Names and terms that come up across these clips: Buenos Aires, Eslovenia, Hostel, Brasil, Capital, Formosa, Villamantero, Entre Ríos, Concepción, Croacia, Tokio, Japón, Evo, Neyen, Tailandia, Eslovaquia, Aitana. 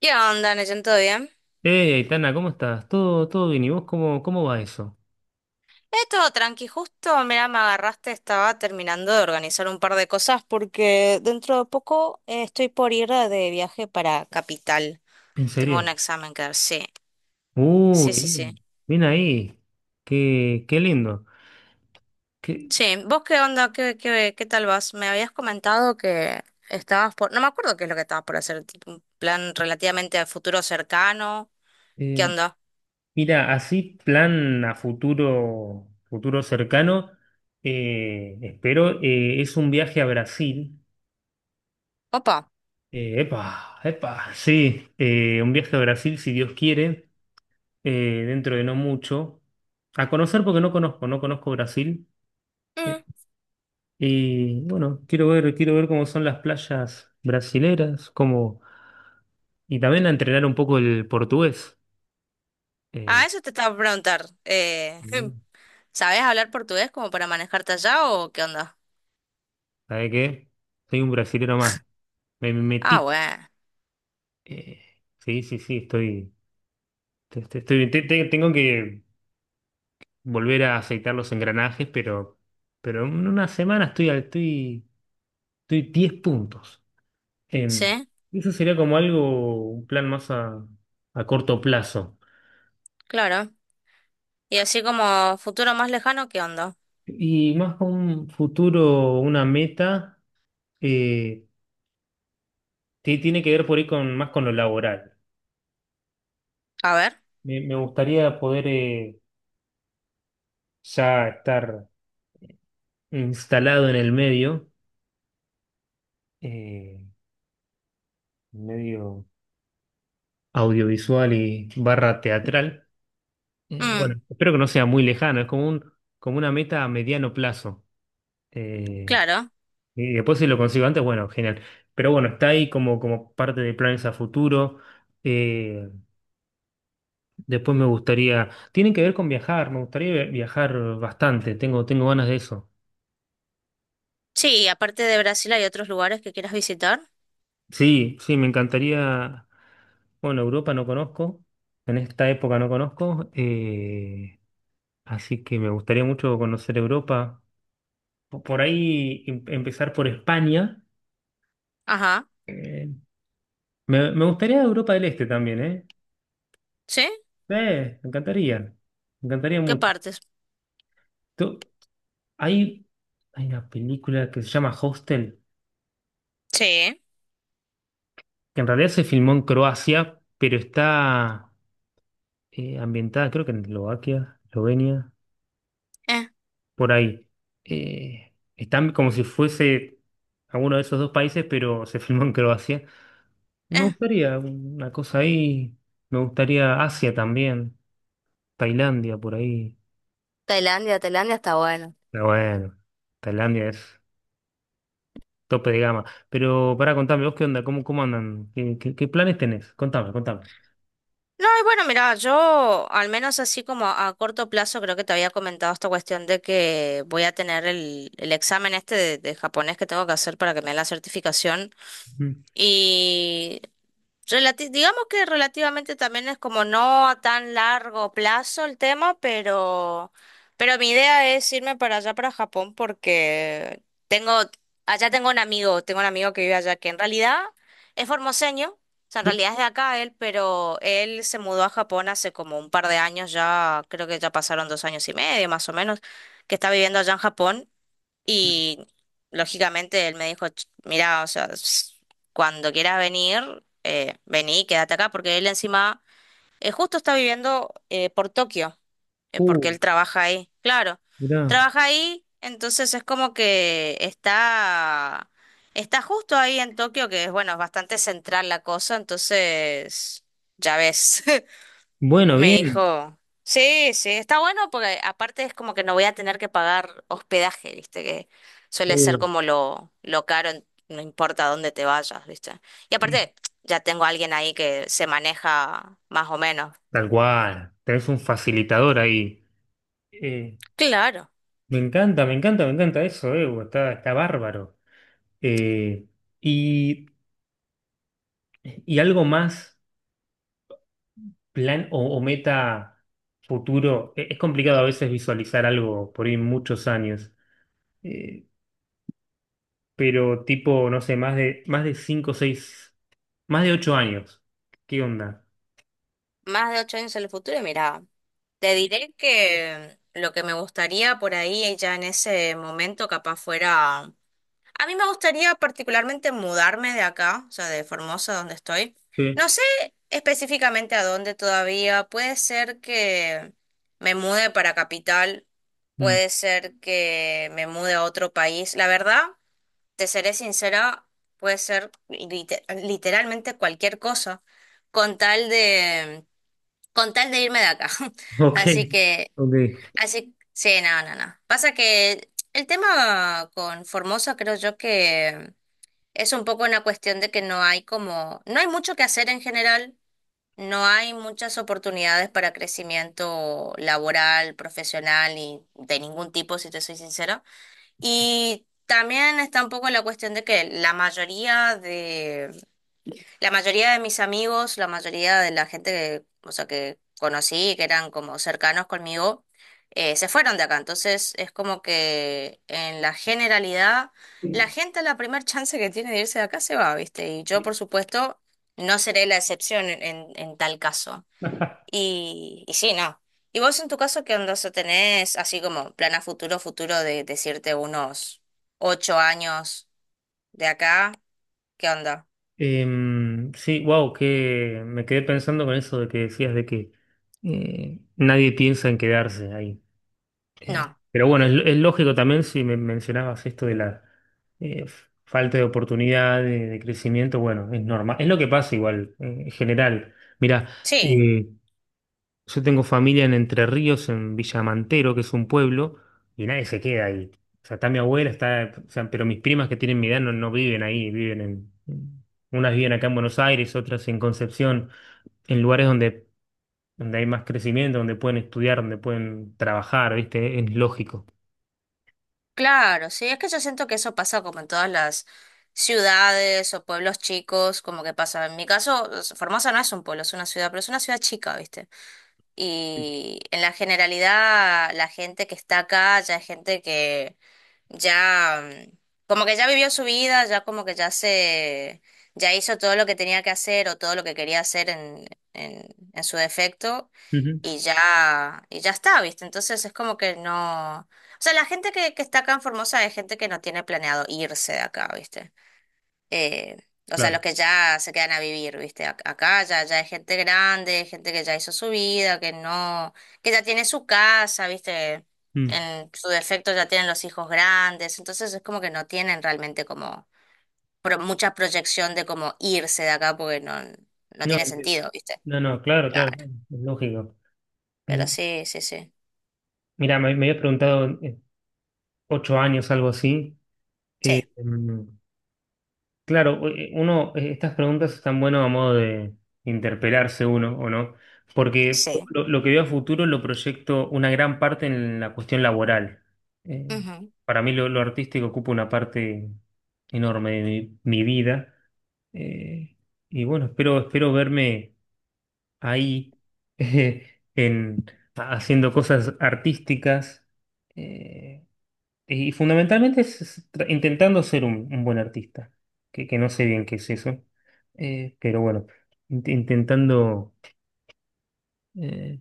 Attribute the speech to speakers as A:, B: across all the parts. A: ¿Qué onda, Neyen? ¿Todo bien?
B: Hey, Aitana, ¿cómo estás? ¿Todo bien? ¿Y vos cómo va eso?
A: Todo tranqui. Justo, mira, me agarraste, estaba terminando de organizar un par de cosas porque dentro de poco estoy por ir de viaje para Capital.
B: ¿En
A: Tengo un
B: serio?
A: examen que dar, sí. Sí,
B: Uy,
A: sí, sí.
B: bien, bien ahí. Qué lindo. Qué,
A: Sí, ¿vos qué onda? ¿Qué, qué tal vas? Me habías comentado que estabas por... No me acuerdo qué es lo que estabas por hacer, tipo un plan relativamente a futuro cercano. ¿Qué
B: eh,
A: onda?
B: mira, así plan a futuro, futuro cercano, espero, es un viaje a Brasil.
A: Opa.
B: Epa, epa, sí, un viaje a Brasil, si Dios quiere, dentro de no mucho. A conocer porque no conozco Brasil.
A: Mm.
B: Y bueno, quiero ver cómo son las playas brasileras, cómo, y también a entrenar un poco el portugués. Eh,
A: Ah, eso te estaba por preguntar.
B: Mm.
A: ¿Sabés hablar portugués como para manejarte allá o qué onda?
B: ¿Sabe qué? Soy un brasilero más. Me
A: Ah,
B: metí.
A: bueno.
B: Eh, sí, sí, sí, tengo que volver a aceitar los engranajes, pero en una semana estoy, estoy 10 puntos. Em,
A: Sí,
B: Eso sería como algo, un plan a corto plazo.
A: claro. Y así como futuro más lejano, ¿qué onda?
B: Y más con un futuro, una meta, eh, tiene que ver por ahí con, más con lo laboral.
A: A ver.
B: Me gustaría poder ya estar instalado en el medio, eh, medio audiovisual y barra teatral.
A: Mm,
B: Bueno, espero que no sea muy lejano, es como un, como una meta a mediano plazo. Eh,
A: claro.
B: y después si lo consigo antes, bueno, genial. Pero bueno, está ahí como, como parte de planes a futuro. eh, Después me gustaría, tienen que ver con viajar, me gustaría viajar bastante, tengo ganas de eso.
A: Sí, y aparte de Brasil hay otros lugares que quieras visitar.
B: Sí, sí, me encantaría, bueno, Europa no conozco, en esta época no conozco, así que me gustaría mucho conocer Europa. Po- Por ahí em- empezar por España.
A: Ajá.
B: eh, me gustaría Europa del Este también, ¿eh?
A: ¿Sí?
B: Me encantaría
A: ¿Qué
B: mucho.
A: partes?
B: Tú- Hay, hay una película que se llama Hostel,
A: Sí.
B: que en realidad se filmó en Croacia, pero está ambientada, creo que en Eslovaquia, Eslovenia,
A: Eh,
B: por ahí. Están como si fuese alguno de esos dos países, pero se filmó en Croacia. Me
A: eh.
B: gustaría una cosa ahí, me gustaría Asia también, Tailandia por ahí.
A: Tailandia, Tailandia está bueno.
B: Pero bueno, Tailandia es tope de gama. Pero para contame, vos qué onda, cómo, cómo andan, qué planes tenés, contame, contame.
A: No, y bueno, mira, yo al menos así como a corto plazo creo que te había comentado esta cuestión de que voy a tener el examen este de japonés que tengo que hacer para que me den la certificación.
B: Mm.
A: Y relati- digamos que relativamente también no es como no a tan largo plazo el tema, pero mi idea es irme para allá, para Japón, porque tengo, allá tengo un amigo que vive allá, que en realidad es formoseño, o sea, en
B: Uh,
A: realidad es de acá él, pero él se mudó a Japón hace como un par de años ya, creo que ya pasaron 2 años y medio más o menos, que está viviendo allá en Japón. Y lógicamente él me dijo: "Ch- mirá, o sea, s- cuando quieras venir, vení, quédate acá", porque él encima justo está viviendo por Tokio, porque
B: uh,
A: él trabaja ahí, claro,
B: mirá.
A: trabaja ahí, entonces es como que está, está justo ahí en Tokio, que es, bueno, es bastante central la cosa, entonces, ya ves.
B: Bueno,
A: Me
B: bien.
A: dijo, sí, sí, está bueno porque aparte es como que no voy a tener que pagar hospedaje, ¿viste? Que suele ser
B: Uh.
A: como lo caro, en- no importa dónde te vayas, ¿viste? Y aparte, ya tengo a alguien ahí que se maneja más o menos.
B: Tal cual, tenés un facilitador ahí. Eh,
A: Claro.
B: me encanta, me encanta, me encanta eso, Evo, está bárbaro. Eh, y, y algo más, o meta futuro, es complicado a veces visualizar algo por ahí muchos años. Eh, pero tipo, no sé, más de 5, 6, más de 8 años. ¿Qué onda?
A: Más de 8 años en el futuro, y mira, te diré que lo que me gustaría por ahí ya en ese momento capaz fuera... A mí me gustaría particularmente mudarme de acá, o sea, de Formosa, donde estoy.
B: Sí.
A: No sé específicamente a dónde todavía. Puede ser que me mude para capital,
B: Mm.
A: puede ser que me mude a otro país. La verdad, te seré sincera, puede ser lite- literalmente cualquier cosa, con tal de, con tal de irme de acá.
B: Ok,
A: Así que,
B: ok.
A: así, sí, no, no, no. Pasa que el tema con Formosa creo yo que es un poco una cuestión de que no hay como, no hay mucho que hacer en general, no hay muchas oportunidades para crecimiento laboral, profesional y de ningún tipo, si te soy sincera. Y también está un poco la cuestión de que la mayoría de mis amigos, la mayoría de la gente que, o sea, que conocí, que eran como cercanos conmigo, se fueron de acá. Entonces es como que en la generalidad, la gente a la primer chance que tiene de irse de acá se va, ¿viste? Y yo, por supuesto, no seré la excepción en, en tal caso. Y sí, no. ¿Y vos en tu caso qué onda? O sea, ¿tenés así como plan a futuro, futuro de decirte unos 8 años de acá? ¿Qué onda?
B: Sí, wow, que me quedé pensando con eso de que decías de que nadie piensa en quedarse ahí.
A: No.
B: Pero bueno, es lógico también si me mencionabas esto de la falta de oportunidad, de crecimiento, bueno, es normal. Es lo que pasa igual, en general. Mira,
A: Sí.
B: yo tengo familia en Entre Ríos, en Villamantero, que es un pueblo, y nadie se queda ahí. O sea, está mi abuela, está, o sea, pero mis primas que tienen mi edad no viven ahí, viven en, unas viven acá en Buenos Aires, otras en Concepción, en lugares donde, donde hay más crecimiento, donde pueden estudiar, donde pueden trabajar, ¿viste? Es lógico.
A: Claro, sí, es que yo siento que eso pasa como en todas las ciudades o pueblos chicos, como que pasa. En mi caso, es- Formosa no es un pueblo, es una ciudad, pero es una ciudad chica, ¿viste?
B: Sí.
A: Y en la generalidad, la gente que está acá ya es gente que ya como que ya vivió su vida, ya como que ya se, ya hizo todo lo que tenía que hacer o todo lo que quería hacer en, en su defecto
B: Ujú.
A: y ya está, ¿viste? Entonces es como que no, o sea, la gente que está acá en Formosa es gente que no tiene planeado irse de acá, ¿viste? eh, o sea, los
B: Claro.
A: que ya se quedan a vivir, ¿viste? Ac- acá ya, ya hay gente grande, gente que ya hizo su vida, que no, que ya tiene su casa, ¿viste?
B: Mm.
A: En su defecto ya tienen los hijos grandes, entonces es como que no tienen realmente como pro- mucha proyección de cómo irse de acá porque no, no
B: No,
A: tiene
B: entiendo,
A: sentido, ¿viste?
B: no, no, claro, claro,
A: Claro,
B: claro, es lógico.
A: pero
B: Eh,
A: sí, sí, sí.
B: Mira, me había preguntado 8 años, algo así.
A: Sí,
B: Mm. Claro, uno, estas preguntas están buenas a modo de interpelarse uno, ¿o no? Porque
A: sí.
B: lo que veo a futuro lo proyecto una gran parte en la cuestión laboral. Eh,
A: Ujú.
B: para mí lo artístico ocupa una parte enorme de mi vida. Eh, y bueno, espero, espero verme ahí en, haciendo cosas artísticas. eh, y fundamentalmente intentando ser un buen artista, que no sé bien qué es eso, pero bueno, intentando, eh,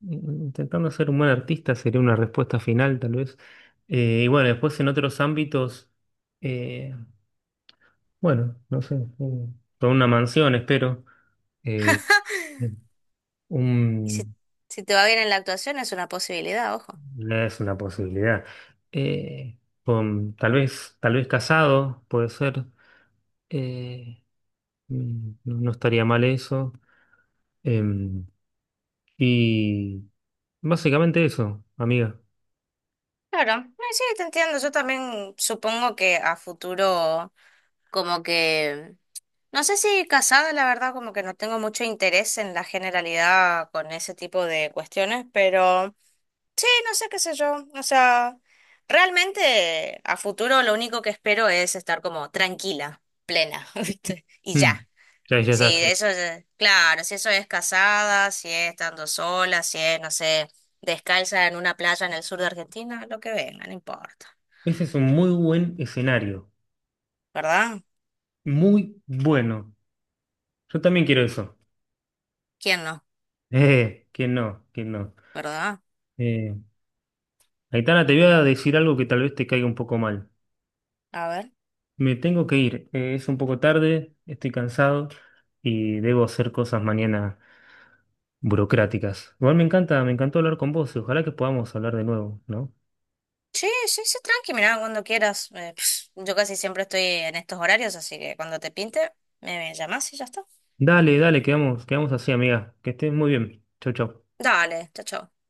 B: intentando ser un buen artista sería una respuesta final tal vez. Y bueno, después en otros ámbitos, eh, bueno, no sé, con una mansión espero, eh,
A: Y si,
B: un,
A: si te va bien en la actuación es una posibilidad, ojo.
B: es una posibilidad. Eh, con, tal vez casado, puede ser. eh, Mm, no, no estaría mal eso. Em, y básicamente eso, amiga.
A: Claro, no, sí, te entiendo. Yo también supongo que a futuro, como que, no sé si casada, la verdad, como que no tengo mucho interés en la generalidad con ese tipo de cuestiones, pero sí, no sé qué sé yo. O sea, realmente a futuro lo único que espero es estar como tranquila, plena, ¿viste? Y
B: Mm.
A: ya.
B: Ya, ya
A: Sí,
B: está.
A: de eso es, claro, si eso es casada, si es estando sola, si es, no sé, descalza en una playa en el sur de Argentina, lo que venga, no importa.
B: Ese es un muy buen escenario.
A: ¿Verdad?
B: Muy bueno. Yo también quiero eso.
A: ¿Quién no?
B: Que no, que no.
A: ¿Verdad?
B: Eh, Aitana, te voy a decir algo que tal vez te caiga un poco mal.
A: A ver.
B: Me tengo que ir. Es un poco tarde, estoy cansado y debo hacer cosas mañana burocráticas. Igual me encanta, me encantó hablar con vos y ojalá que podamos hablar de nuevo, ¿no?
A: Sí, sí, sí, tranqui, mirá, cuando quieras. Pss, yo casi siempre estoy en estos horarios, así que cuando te pinte, me llamás y ya está.
B: Dale, dale, quedamos, quedamos así, amiga. Que estés muy bien. Chau, chau.
A: Dale, chao, chao.